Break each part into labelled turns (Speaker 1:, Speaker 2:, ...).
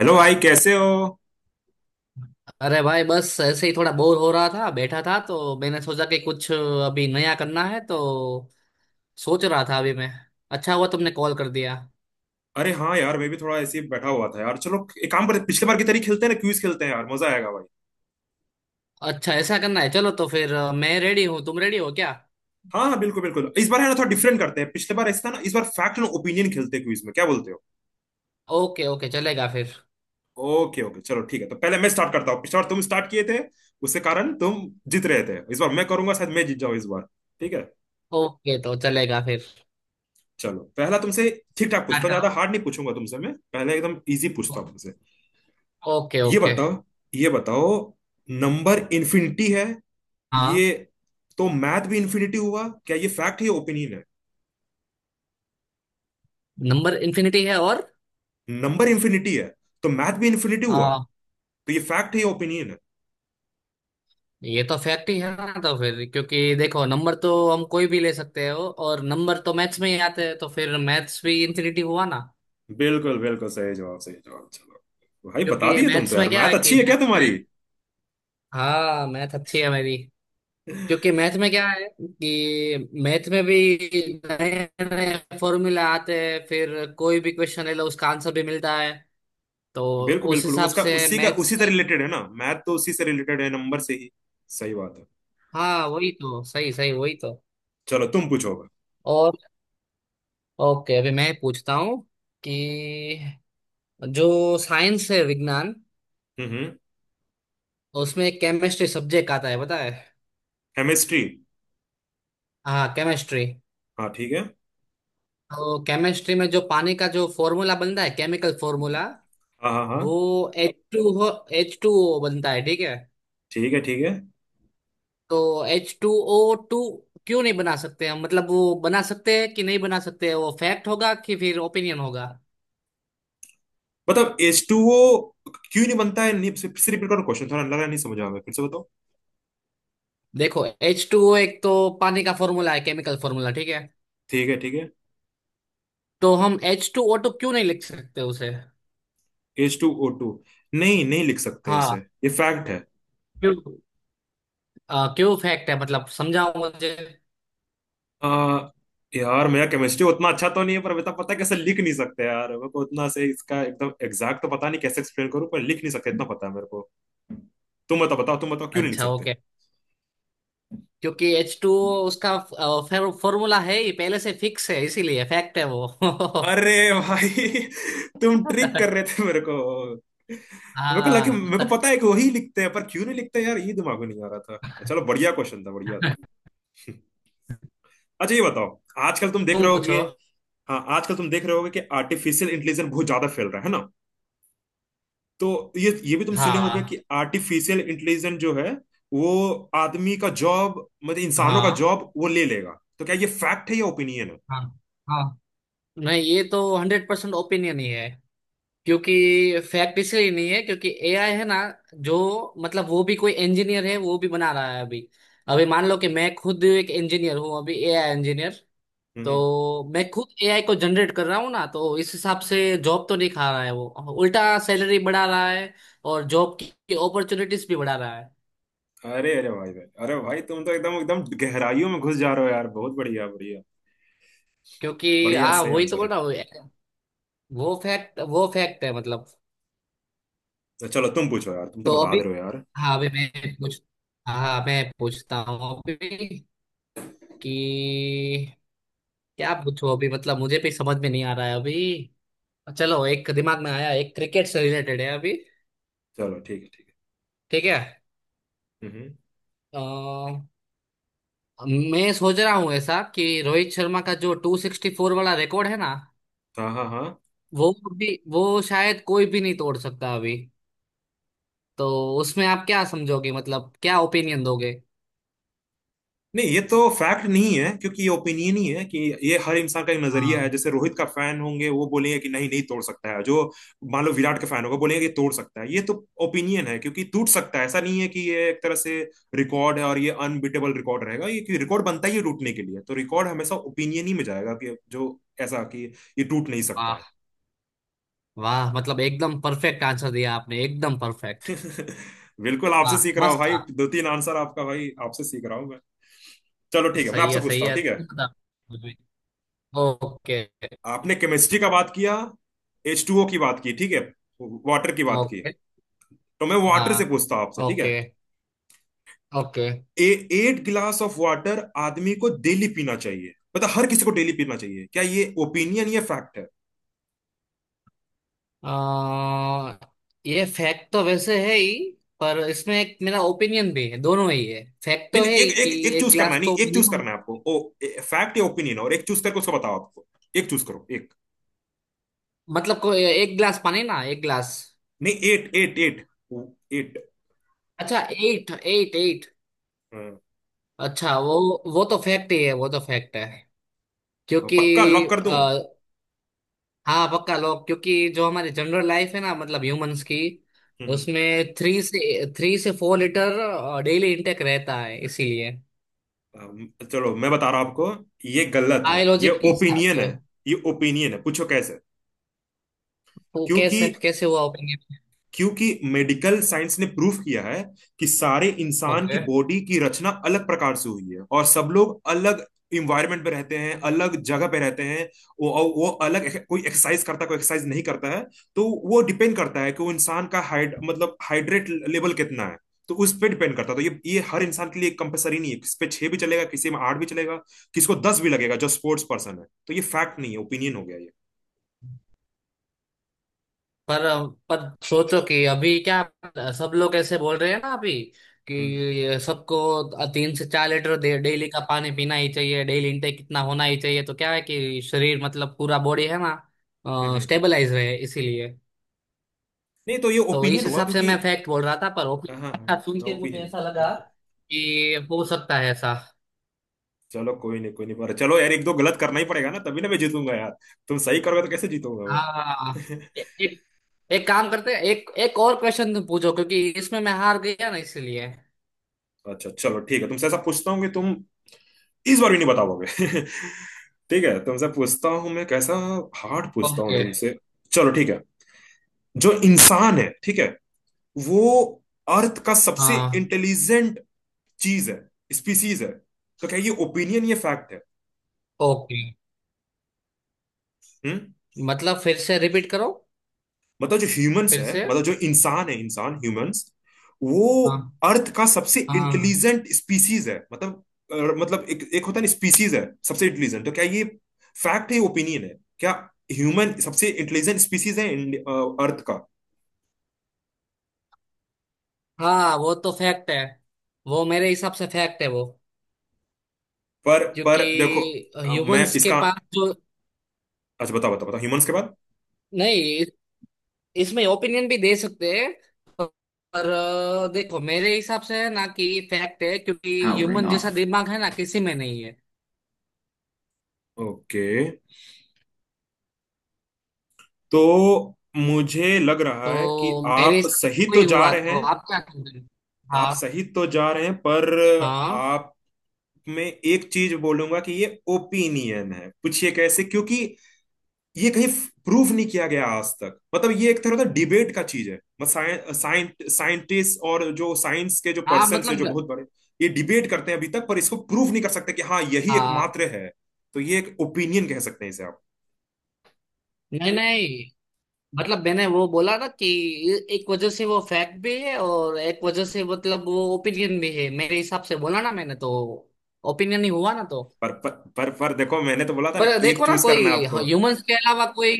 Speaker 1: Hello भाई, कैसे हो?
Speaker 2: अरे भाई, बस ऐसे ही थोड़ा बोर हो रहा था, बैठा था तो मैंने सोचा कि कुछ अभी नया करना है तो सोच रहा था अभी मैं। अच्छा हुआ तुमने कॉल कर दिया।
Speaker 1: अरे हाँ यार, मैं भी थोड़ा ऐसे ही बैठा हुआ था यार। चलो एक काम करते हैं, पिछले बार की तरह खेलते हैं ना, क्विज खेलते हैं यार, मजा आएगा भाई।
Speaker 2: अच्छा, ऐसा करना है, चलो तो फिर मैं रेडी हूँ, तुम रेडी हो क्या?
Speaker 1: हाँ हाँ बिल्कुल बिल्कुल, इस बार है ना थोड़ा डिफरेंट करते हैं, पिछले बार ऐसा था ना, इस बार फैक्ट एंड ओपिनियन खेलते हैं क्विज में, क्या बोलते हो?
Speaker 2: ओके ओके, चलेगा फिर।
Speaker 1: ओके ओके, चलो ठीक है, तो पहले मैं स्टार्ट करता हूँ, पिछले बार तुम स्टार्ट किए थे, उसके कारण तुम जीत रहे थे, इस बार मैं करूंगा, शायद मैं जीत जाऊँ इस बार। ठीक है,
Speaker 2: ओके तो चलेगा फिर।
Speaker 1: चलो पहला तुमसे ठीक ठाक पूछता
Speaker 2: स्टार्ट
Speaker 1: हूँ, ज्यादा
Speaker 2: करो।
Speaker 1: हार्ड नहीं पूछूंगा तुमसे, मैं पहले एकदम इजी पूछता हूँ तुमसे।
Speaker 2: ओके
Speaker 1: ये
Speaker 2: ओके।
Speaker 1: बताओ, ये बताओ, नंबर इन्फिनिटी है,
Speaker 2: हाँ,
Speaker 1: ये तो मैथ भी इन्फिनिटी हुआ क्या? ये फैक्ट है या ओपिनियन है?
Speaker 2: नंबर इन्फिनिटी है, और
Speaker 1: नंबर इन्फिनिटी है, तो मैथ भी इन्फिनिटी हुआ,
Speaker 2: आ,
Speaker 1: तो ये फैक्ट है या ओपिनियन है?
Speaker 2: ये तो फैक्ट ही है ना। तो फिर, क्योंकि देखो, नंबर तो हम कोई भी ले सकते हो, और नंबर तो मैथ्स में ही आते हैं, तो फिर मैथ्स भी इन्फिनिटी हुआ ना।
Speaker 1: बिल्कुल बिल्कुल, सही जवाब, सही जवाब। चलो भाई, बता
Speaker 2: क्योंकि
Speaker 1: दिए तुम तो।
Speaker 2: मैथ्स में
Speaker 1: यार,
Speaker 2: क्या
Speaker 1: मैथ
Speaker 2: है कि
Speaker 1: अच्छी है क्या
Speaker 2: मैथ्स
Speaker 1: तुम्हारी?
Speaker 2: में, हाँ मैथ अच्छी है मेरी। क्योंकि मैथ में क्या है कि मैथ में भी नए नए फॉर्मूला आते हैं, फिर कोई भी क्वेश्चन ले लो उसका आंसर भी मिलता है। तो
Speaker 1: बिल्कुल
Speaker 2: उस
Speaker 1: बिल्कुल,
Speaker 2: हिसाब
Speaker 1: उसका
Speaker 2: से
Speaker 1: उसी का
Speaker 2: मैथ्स,
Speaker 1: उसी से रिलेटेड है ना, मैथ तो उसी से रिलेटेड है, नंबर से ही। सही बात है।
Speaker 2: हाँ वही तो, सही सही, वही तो।
Speaker 1: चलो तुम पूछोगे।
Speaker 2: और ओके, अभी मैं पूछता हूँ कि जो साइंस है, विज्ञान,
Speaker 1: हम्म।
Speaker 2: उसमें एक केमिस्ट्री सब्जेक्ट आता है, पता है?
Speaker 1: केमिस्ट्री।
Speaker 2: हाँ, केमिस्ट्री।
Speaker 1: हाँ ठीक है।
Speaker 2: तो केमिस्ट्री में जो पानी का जो फॉर्मूला बनता है, केमिकल फॉर्मूला,
Speaker 1: हाँ हाँ हाँ।
Speaker 2: वो एच टू हो H2O बनता है, ठीक है?
Speaker 1: ठीक है ठीक है।
Speaker 2: तो H2O2 क्यों नहीं बना सकते हम? मतलब वो बना सकते हैं कि नहीं बना सकते हैं? वो फैक्ट होगा कि फिर ओपिनियन होगा?
Speaker 1: मतलब H2O क्यों नहीं बनता है? नहीं, फिर से रिपीट करो क्वेश्चन, थोड़ा लग रहा है नहीं समझ आ रहा है। फिर से बताओ।
Speaker 2: देखो, H2O एक तो पानी का फॉर्मूला है, केमिकल फॉर्मूला, ठीक है?
Speaker 1: ठीक है ठीक है।
Speaker 2: तो हम H2O2 क्यों नहीं लिख सकते उसे?
Speaker 1: H2O2? नहीं नहीं लिख सकते इसे,
Speaker 2: हाँ,
Speaker 1: ये फैक्ट है।
Speaker 2: क्यों? क्यों फैक्ट है, मतलब समझाओ मुझे।
Speaker 1: आ, यार, मेरा केमिस्ट्री उतना अच्छा तो नहीं है, पर बेटा पता है, कैसे लिख नहीं सकते यार, मेरे को उतना से इसका एकदम एग्जैक्ट तो पता नहीं, कैसे एक्सप्लेन करूं, पर लिख नहीं सकते इतना पता है मेरे को। तुम बताओ बताओ, तुम बताओ क्यों नहीं लिख
Speaker 2: अच्छा
Speaker 1: सकते।
Speaker 2: ओके। क्योंकि H2O उसका फॉर्मूला है ही, पहले से फिक्स है, इसीलिए फैक्ट है वो।
Speaker 1: अरे भाई, तुम ट्रिक कर रहे थे मेरे को। मेरे को लगे
Speaker 2: हाँ।
Speaker 1: मेरे को पता है कि वही लिखते हैं, पर क्यों नहीं लिखते यार, ये दिमाग में नहीं आ रहा था। चलो बढ़िया क्वेश्चन था, बढ़िया था। अच्छा ये बताओ, आजकल तुम देख
Speaker 2: तुम
Speaker 1: रहे होगे,
Speaker 2: पूछो।
Speaker 1: हाँ आजकल तुम देख रहे होगे कि आर्टिफिशियल इंटेलिजेंस बहुत ज्यादा फैल रहा है ना, तो ये भी तुम सुने होगे कि
Speaker 2: हाँ
Speaker 1: आर्टिफिशियल इंटेलिजेंस जो है वो आदमी का जॉब, मतलब इंसानों का
Speaker 2: हाँ
Speaker 1: जॉब वो ले लेगा, तो क्या ये फैक्ट है या ओपिनियन है?
Speaker 2: हाँ। हाँ नहीं, ये तो 100% ओपिनियन ही है। क्योंकि फैक्ट इसलिए नहीं है, क्योंकि AI है ना जो, मतलब वो भी कोई इंजीनियर है, वो भी बना रहा है अभी। अभी मान लो कि मैं खुद एक इंजीनियर हूँ अभी, AI इंजीनियर।
Speaker 1: हम्म।
Speaker 2: तो मैं खुद AI को जनरेट कर रहा हूँ ना, तो इस हिसाब से जॉब तो नहीं खा रहा है वो, उल्टा सैलरी बढ़ा रहा है और जॉब की अपॉर्चुनिटीज भी बढ़ा रहा है।
Speaker 1: अरे अरे भाई भाई, अरे भाई तुम तो एकदम एकदम गहराइयों में घुस जा रहे हो यार, बहुत बढ़िया बढ़िया।
Speaker 2: क्योंकि
Speaker 1: बढ़िया,
Speaker 2: हाँ,
Speaker 1: सही
Speaker 2: वही तो
Speaker 1: आंसर
Speaker 2: बोल
Speaker 1: है।
Speaker 2: रहा हूँ। वो फैक्ट, वो फैक्ट है मतलब।
Speaker 1: अच्छा, चलो तुम पूछो यार, तुम तो
Speaker 2: तो
Speaker 1: बता
Speaker 2: अभी
Speaker 1: दे रहे हो यार।
Speaker 2: हाँ, अभी मैं पूछ हाँ मैं पूछता हूँ अभी कि क्या पूछो। अभी मतलब मुझे भी समझ में नहीं आ रहा है अभी। चलो, एक दिमाग में आया, एक क्रिकेट से रिलेटेड है अभी।
Speaker 1: चलो ठीक है, ठीक
Speaker 2: ठीक है।
Speaker 1: है।
Speaker 2: अ, मैं सोच रहा हूँ ऐसा कि रोहित शर्मा का जो 264 वाला रिकॉर्ड है ना,
Speaker 1: हाँ हाँ हाँ।
Speaker 2: वो भी, वो शायद कोई भी नहीं तोड़ सकता अभी। तो उसमें आप क्या समझोगे, मतलब क्या ओपिनियन दोगे?
Speaker 1: नहीं, ये तो फैक्ट नहीं है, क्योंकि ये ओपिनियन ही है कि ये हर इंसान का एक नजरिया है,
Speaker 2: हाँ,
Speaker 1: जैसे रोहित का फैन होंगे वो बोलेंगे कि नहीं नहीं तोड़ सकता है जो। मान लो विराट का फैन होगा, बोलेंगे कि तोड़ सकता है। ये तो ओपिनियन है, क्योंकि टूट सकता है, ऐसा नहीं है कि ये एक तरह से रिकॉर्ड है और ये अनबीटेबल रिकॉर्ड रहेगा, ये कि रिकॉर्ड बनता ही है टूटने के लिए, तो रिकॉर्ड हमेशा ओपिनियन ही में जाएगा कि जो ऐसा कि ये टूट नहीं सकता है।
Speaker 2: वाह। वाह, मतलब एकदम परफेक्ट आंसर दिया आपने, एकदम परफेक्ट।
Speaker 1: बिल्कुल, आपसे
Speaker 2: वाह,
Speaker 1: सीख रहा हूँ
Speaker 2: मस्त।
Speaker 1: भाई, दो तीन आंसर आपका भाई, आपसे सीख रहा हूँ मैं। चलो ठीक है, मैं
Speaker 2: सही
Speaker 1: आपसे
Speaker 2: है, सही
Speaker 1: पूछता हूँ,
Speaker 2: है,
Speaker 1: ठीक है।
Speaker 2: तुम बताओ। ओके
Speaker 1: आपने केमिस्ट्री का बात किया, H2O की बात की, ठीक है, वाटर की बात की,
Speaker 2: ओके।
Speaker 1: तो मैं वाटर
Speaker 2: हाँ।
Speaker 1: से पूछता हूं आपसे, ठीक है।
Speaker 2: Okay okay.
Speaker 1: A, eight glass of water आदमी को डेली पीना चाहिए, मतलब हर किसी को डेली पीना चाहिए, क्या ये ओपिनियन या फैक्ट है?
Speaker 2: आ, ये फैक्ट तो वैसे है ही, पर इसमें एक मेरा ओपिनियन भी है, दोनों ही है, फैक्ट
Speaker 1: नहीं
Speaker 2: तो है
Speaker 1: नहीं,
Speaker 2: ही
Speaker 1: एक
Speaker 2: कि
Speaker 1: एक एक
Speaker 2: एक
Speaker 1: चूज करना है,
Speaker 2: गिलास
Speaker 1: नहीं
Speaker 2: तो
Speaker 1: एक चूज
Speaker 2: minimum-,
Speaker 1: करना है आपको, ओ फैक्ट या ओपिनियन, और एक चूज करके उसको बताओ आपको। एक चूज करो, एक।
Speaker 2: मतलब को एक गिलास पानी ना, एक गिलास।
Speaker 1: नहीं, एट एट एट। एट।
Speaker 2: अच्छा, एट एट एट। अच्छा वो तो फैक्ट ही है, वो तो फैक्ट है। क्योंकि
Speaker 1: पक्का लॉक कर दूं?
Speaker 2: हाँ पक्का लोग, क्योंकि जो हमारी जनरल लाइफ है ना, मतलब ह्यूमंस की,
Speaker 1: हम्म।
Speaker 2: उसमें 3 से 4 लीटर डेली इंटेक रहता है इसीलिए,
Speaker 1: अम, चलो मैं बता रहा हूं आपको, ये गलत है, ये
Speaker 2: बायोलॉजिकली हिसाब
Speaker 1: ओपिनियन है।
Speaker 2: से।
Speaker 1: ये ओपिनियन है, पूछो कैसे।
Speaker 2: तो
Speaker 1: क्योंकि,
Speaker 2: कैसे, कैसे हुआ ओपिनियन?
Speaker 1: क्योंकि मेडिकल साइंस ने प्रूफ किया है कि सारे इंसान की
Speaker 2: ओके।
Speaker 1: बॉडी की रचना अलग प्रकार से हुई है और सब लोग अलग इन्वायरमेंट पे रहते हैं, अलग जगह पे रहते हैं, वो और वो अलग, कोई एक्सरसाइज करता है कोई एक्सरसाइज नहीं करता है, तो वो डिपेंड करता है कि वो इंसान का हाइड मतलब हाइड्रेट लेवल कितना है, तो उस पर डिपेंड करता है, तो ये हर इंसान के लिए कंपलसरी नहीं है, किस पे 6 भी चलेगा, किसी में 8 भी चलेगा, किसको 10 भी लगेगा जो स्पोर्ट्स पर्सन है, तो ये फैक्ट नहीं है, ओपिनियन हो गया ये।
Speaker 2: पर पर सोचो कि अभी क्या, सब लोग ऐसे बोल रहे हैं ना अभी
Speaker 1: हम्म
Speaker 2: कि सबको 3 से 4 लीटर डेली का पानी पीना ही चाहिए, डेली इंटेक इतना होना ही चाहिए। तो क्या है कि शरीर, मतलब पूरा बॉडी है ना,
Speaker 1: हम्म हम्म।
Speaker 2: स्टेबलाइज रहे इसीलिए।
Speaker 1: नहीं, तो ये
Speaker 2: तो इस
Speaker 1: ओपिनियन हुआ
Speaker 2: हिसाब से
Speaker 1: क्योंकि।
Speaker 2: मैं फैक्ट बोल रहा था, पर
Speaker 1: हाँ
Speaker 2: ओपिनियन अच्छा सुन
Speaker 1: हाँ,
Speaker 2: के मुझे
Speaker 1: ओपिनियन।
Speaker 2: ऐसा लगा कि हो सकता है ऐसा।
Speaker 1: चलो कोई नहीं कोई नहीं, पर चलो यार, एक दो गलत करना ही पड़ेगा ना तभी ना मैं जीतूंगा यार, तुम सही करोगे तो कैसे जीतूंगा मैं।
Speaker 2: हाँ, एक एक काम करते हैं, एक एक और क्वेश्चन तुम पूछो क्योंकि इसमें मैं हार गया ना इसलिए।
Speaker 1: अच्छा चलो ठीक है, तुमसे ऐसा पूछता हूँ कि तुम इस बार भी नहीं बता पाओगे। ठीक है, तुमसे पूछता हूँ मैं, कैसा हार्ड पूछता हूँ
Speaker 2: ओके।
Speaker 1: तुमसे। चलो ठीक है, जो इंसान है ठीक है, वो अर्थ का सबसे
Speaker 2: हाँ
Speaker 1: इंटेलिजेंट चीज है, स्पीसीज है, तो क्या ये ओपिनियन ये फैक्ट है?
Speaker 2: ओके,
Speaker 1: हम्म।
Speaker 2: मतलब फिर से रिपीट करो।
Speaker 1: मतलब जो ह्यूमंस
Speaker 2: फिर
Speaker 1: है,
Speaker 2: से।
Speaker 1: मतलब जो इंसान है, इंसान ह्यूमंस, वो
Speaker 2: हाँ
Speaker 1: अर्थ का सबसे
Speaker 2: हाँ
Speaker 1: इंटेलिजेंट स्पीसीज है, मतलब अ, मतलब एक एक होता है ना, स्पीसीज है सबसे इंटेलिजेंट, तो क्या ये फैक्ट है, ओपिनियन है क्या? ह्यूमन सबसे इंटेलिजेंट स्पीसीज है इंड- अर्थ का।
Speaker 2: हाँ। वो तो फैक्ट है, वो मेरे हिसाब से फैक्ट है वो, क्योंकि
Speaker 1: पर देखो, मैं
Speaker 2: ह्यूमंस के
Speaker 1: इसका,
Speaker 2: पास जो,
Speaker 1: अच्छा बताओ बताओ बताओ, ह्यूमंस के बाद
Speaker 2: नहीं इसमें ओपिनियन भी दे सकते हैं, पर देखो मेरे हिसाब से है ना कि फैक्ट है, क्योंकि
Speaker 1: Powering
Speaker 2: ह्यूमन जैसा
Speaker 1: off.
Speaker 2: दिमाग है ना किसी में नहीं है।
Speaker 1: ओके, तो मुझे लग रहा है कि
Speaker 2: तो मेरे
Speaker 1: आप
Speaker 2: हिसाब से
Speaker 1: सही
Speaker 2: तो वही
Speaker 1: तो जा
Speaker 2: हुआ,
Speaker 1: रहे
Speaker 2: तो
Speaker 1: हैं,
Speaker 2: आप क्या कहते हैं?
Speaker 1: आप
Speaker 2: हाँ
Speaker 1: सही तो जा रहे हैं पर
Speaker 2: हाँ
Speaker 1: आप, मैं एक चीज बोलूंगा कि ये ओपिनियन है, पूछिए कैसे। क्योंकि ये कहीं प्रूफ नहीं किया गया आज तक, मतलब ये एक तरह का डिबेट का चीज है, मतलब साइंटिस्ट और जो साइंस के जो
Speaker 2: हाँ,
Speaker 1: पर्सन है
Speaker 2: मतलब
Speaker 1: जो बहुत बड़े, ये डिबेट करते हैं अभी तक, पर इसको प्रूफ नहीं कर सकते कि हाँ यही
Speaker 2: हाँ
Speaker 1: एकमात्र है, तो ये एक ओपिनियन कह सकते हैं इसे आप।
Speaker 2: नहीं नहीं, मतलब मैंने वो बोला ना कि एक वजह से वो फैक्ट भी है और एक वजह से मतलब वो ओपिनियन भी है, मेरे हिसाब से बोला ना मैंने, तो ओपिनियन ही हुआ ना तो।
Speaker 1: पर, पर देखो, मैंने तो बोला था ना
Speaker 2: पर
Speaker 1: एक
Speaker 2: देखो ना,
Speaker 1: चूज
Speaker 2: कोई
Speaker 1: करना है आपको।
Speaker 2: ह्यूमंस के अलावा कोई,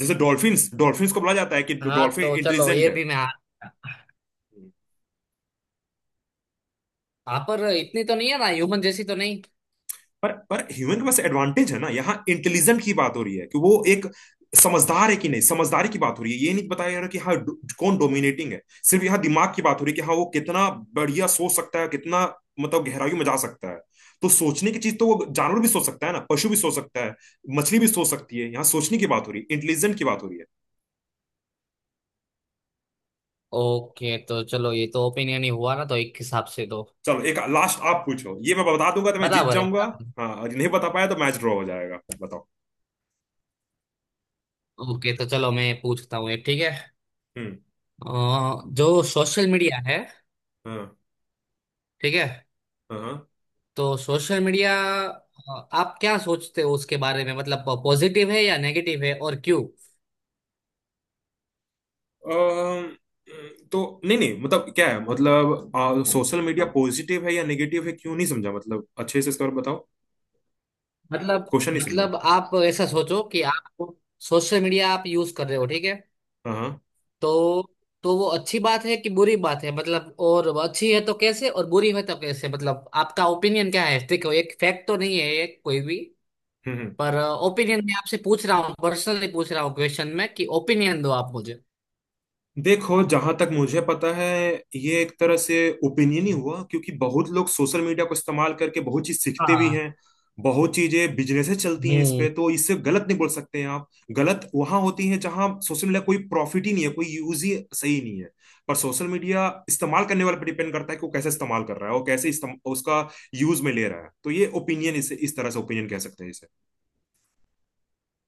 Speaker 1: जैसे डॉल्फिन्स, डॉल्फिन्स को बोला जाता है कि
Speaker 2: हाँ
Speaker 1: डॉल्फिन
Speaker 2: तो चलो
Speaker 1: इंटेलिजेंट
Speaker 2: ये
Speaker 1: है।
Speaker 2: भी मैं, हाँ पर इतनी तो नहीं है ना, ह्यूमन जैसी तो नहीं।
Speaker 1: पर ह्यूमन के पास एडवांटेज है ना, यहाँ इंटेलिजेंट की बात हो रही है कि वो एक समझदार है कि नहीं, समझदारी की बात हो रही है, ये नहीं बताया जा रहा कि हाँ डो- कौन डोमिनेटिंग है, सिर्फ यहाँ दिमाग की बात हो रही है कि हाँ वो कितना बढ़िया सोच सकता है, कितना मतलब गहराइयों में जा सकता है, तो सोचने की चीज तो वो जानवर भी सोच सकता है ना, पशु भी सोच सकता है, मछली भी सोच सकती है, यहाँ सोचने की बात हो रही है, इंटेलिजेंट की बात हो रही है।
Speaker 2: ओके तो चलो, ये तो ओपिनियन ही हुआ ना तो, एक हिसाब से तो
Speaker 1: चलो एक लास्ट आप पूछो, ये मैं बता दूंगा तो मैं जीत
Speaker 2: बराबर है,
Speaker 1: जाऊंगा।
Speaker 2: बराबर।
Speaker 1: हाँ, और नहीं बता पाया तो मैच ड्रॉ हो जाएगा, बताओ।
Speaker 2: ओके तो चलो, मैं पूछता हूँ एक, ठीक है।
Speaker 1: हम्म।
Speaker 2: जो सोशल मीडिया है,
Speaker 1: हाँ
Speaker 2: ठीक है।
Speaker 1: हाँ हाँ।
Speaker 2: तो सोशल मीडिया, आप क्या सोचते हो उसके बारे में? मतलब पॉजिटिव है या नेगेटिव है और क्यों?
Speaker 1: अम्म, तो नहीं नहीं, मतलब क्या है, मतलब सोशल मीडिया पॉजिटिव है या नेगेटिव है क्यों, नहीं समझा मतलब, अच्छे से इस पर बताओ,
Speaker 2: मतलब
Speaker 1: क्वेश्चन नहीं समझा।
Speaker 2: मतलब आप ऐसा सोचो कि आप सोशल मीडिया, आप यूज कर रहे हो, ठीक है।
Speaker 1: हाँ हाँ।
Speaker 2: तो वो अच्छी बात है कि बुरी बात है, मतलब, और वो अच्छी है तो कैसे, और बुरी है तो कैसे, मतलब आपका ओपिनियन क्या है? देखो, एक फैक्ट तो नहीं है ये कोई भी,
Speaker 1: हम्म हम्म।
Speaker 2: पर ओपिनियन मैं आपसे पूछ रहा हूँ, पर्सनली पूछ रहा हूँ क्वेश्चन में कि ओपिनियन दो आप मुझे।
Speaker 1: देखो जहां तक मुझे पता है, ये एक तरह से ओपिनियन ही हुआ, क्योंकि बहुत लोग सोशल मीडिया को इस्तेमाल करके बहुत चीज सीखते भी
Speaker 2: हाँ।
Speaker 1: हैं, बहुत चीजें बिजनेसेस चलती हैं इस
Speaker 2: हम्म।
Speaker 1: पे, तो इससे गलत नहीं बोल सकते हैं आप। गलत वहां होती है जहां सोशल मीडिया कोई प्रॉफिट ही नहीं है, कोई यूज ही सही नहीं है, पर सोशल मीडिया इस्तेमाल करने वाले पर डिपेंड करता है कि वो कैसे इस्तेमाल कर रहा है, वो कैसे इस्तेम- उसका यूज में ले रहा है, तो ये ओपिनियन, इस तरह से ओपिनियन कह सकते हैं इसे।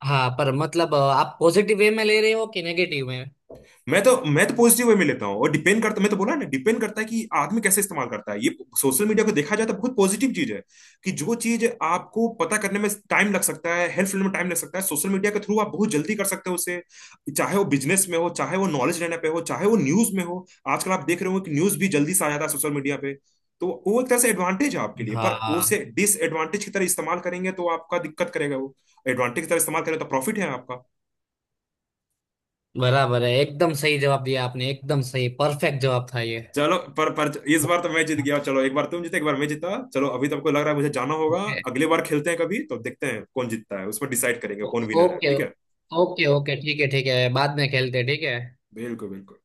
Speaker 2: हाँ पर मतलब आप पॉजिटिव वे में ले रहे हो कि नेगेटिव में?
Speaker 1: मैं तो, मैं तो पॉजिटिव वे में लेता हूँ, और डिपेंड करता, मैं तो बोला ना डिपेंड करता है कि आदमी कैसे इस्तेमाल करता है ये सोशल मीडिया को, देखा जाए तो बहुत पॉजिटिव चीज है कि जो चीज आपको पता करने में टाइम लग सकता है, हेल्थ फील्ड में टाइम लग सकता है, सोशल मीडिया के थ्रू आप बहुत जल्दी कर सकते हो उसे, चाहे वो बिजनेस में हो, चाहे वो नॉलेज लेने पे हो, चाहे वो न्यूज में हो, आजकल आप देख रहे हो कि न्यूज भी जल्दी से आ जाता है सोशल मीडिया पे, तो वो एक तरह से एडवांटेज है आपके लिए, पर उसे
Speaker 2: हाँ,
Speaker 1: डिसएडवांटेज की तरह इस्तेमाल करेंगे तो आपका दिक्कत करेगा वो, एडवांटेज की तरह इस्तेमाल करें तो प्रॉफिट है आपका।
Speaker 2: बराबर है, एकदम सही जवाब दिया आपने, एकदम सही, परफेक्ट जवाब था ये।
Speaker 1: चलो, पर इस बार तो मैं जीत गया, चलो एक बार तुम जीते एक बार मैं जीता, चलो अभी तो आपको लग रहा है मुझे जाना होगा,
Speaker 2: ओके।
Speaker 1: अगली बार खेलते हैं कभी तो देखते हैं कौन जीतता है, उस पर डिसाइड करेंगे कौन विनर है,
Speaker 2: ओके
Speaker 1: ठीक है।
Speaker 2: ओके ओके ठीक है, ठीक है बाद में खेलते हैं, ठीक है।
Speaker 1: बिल्कुल बिल्कुल।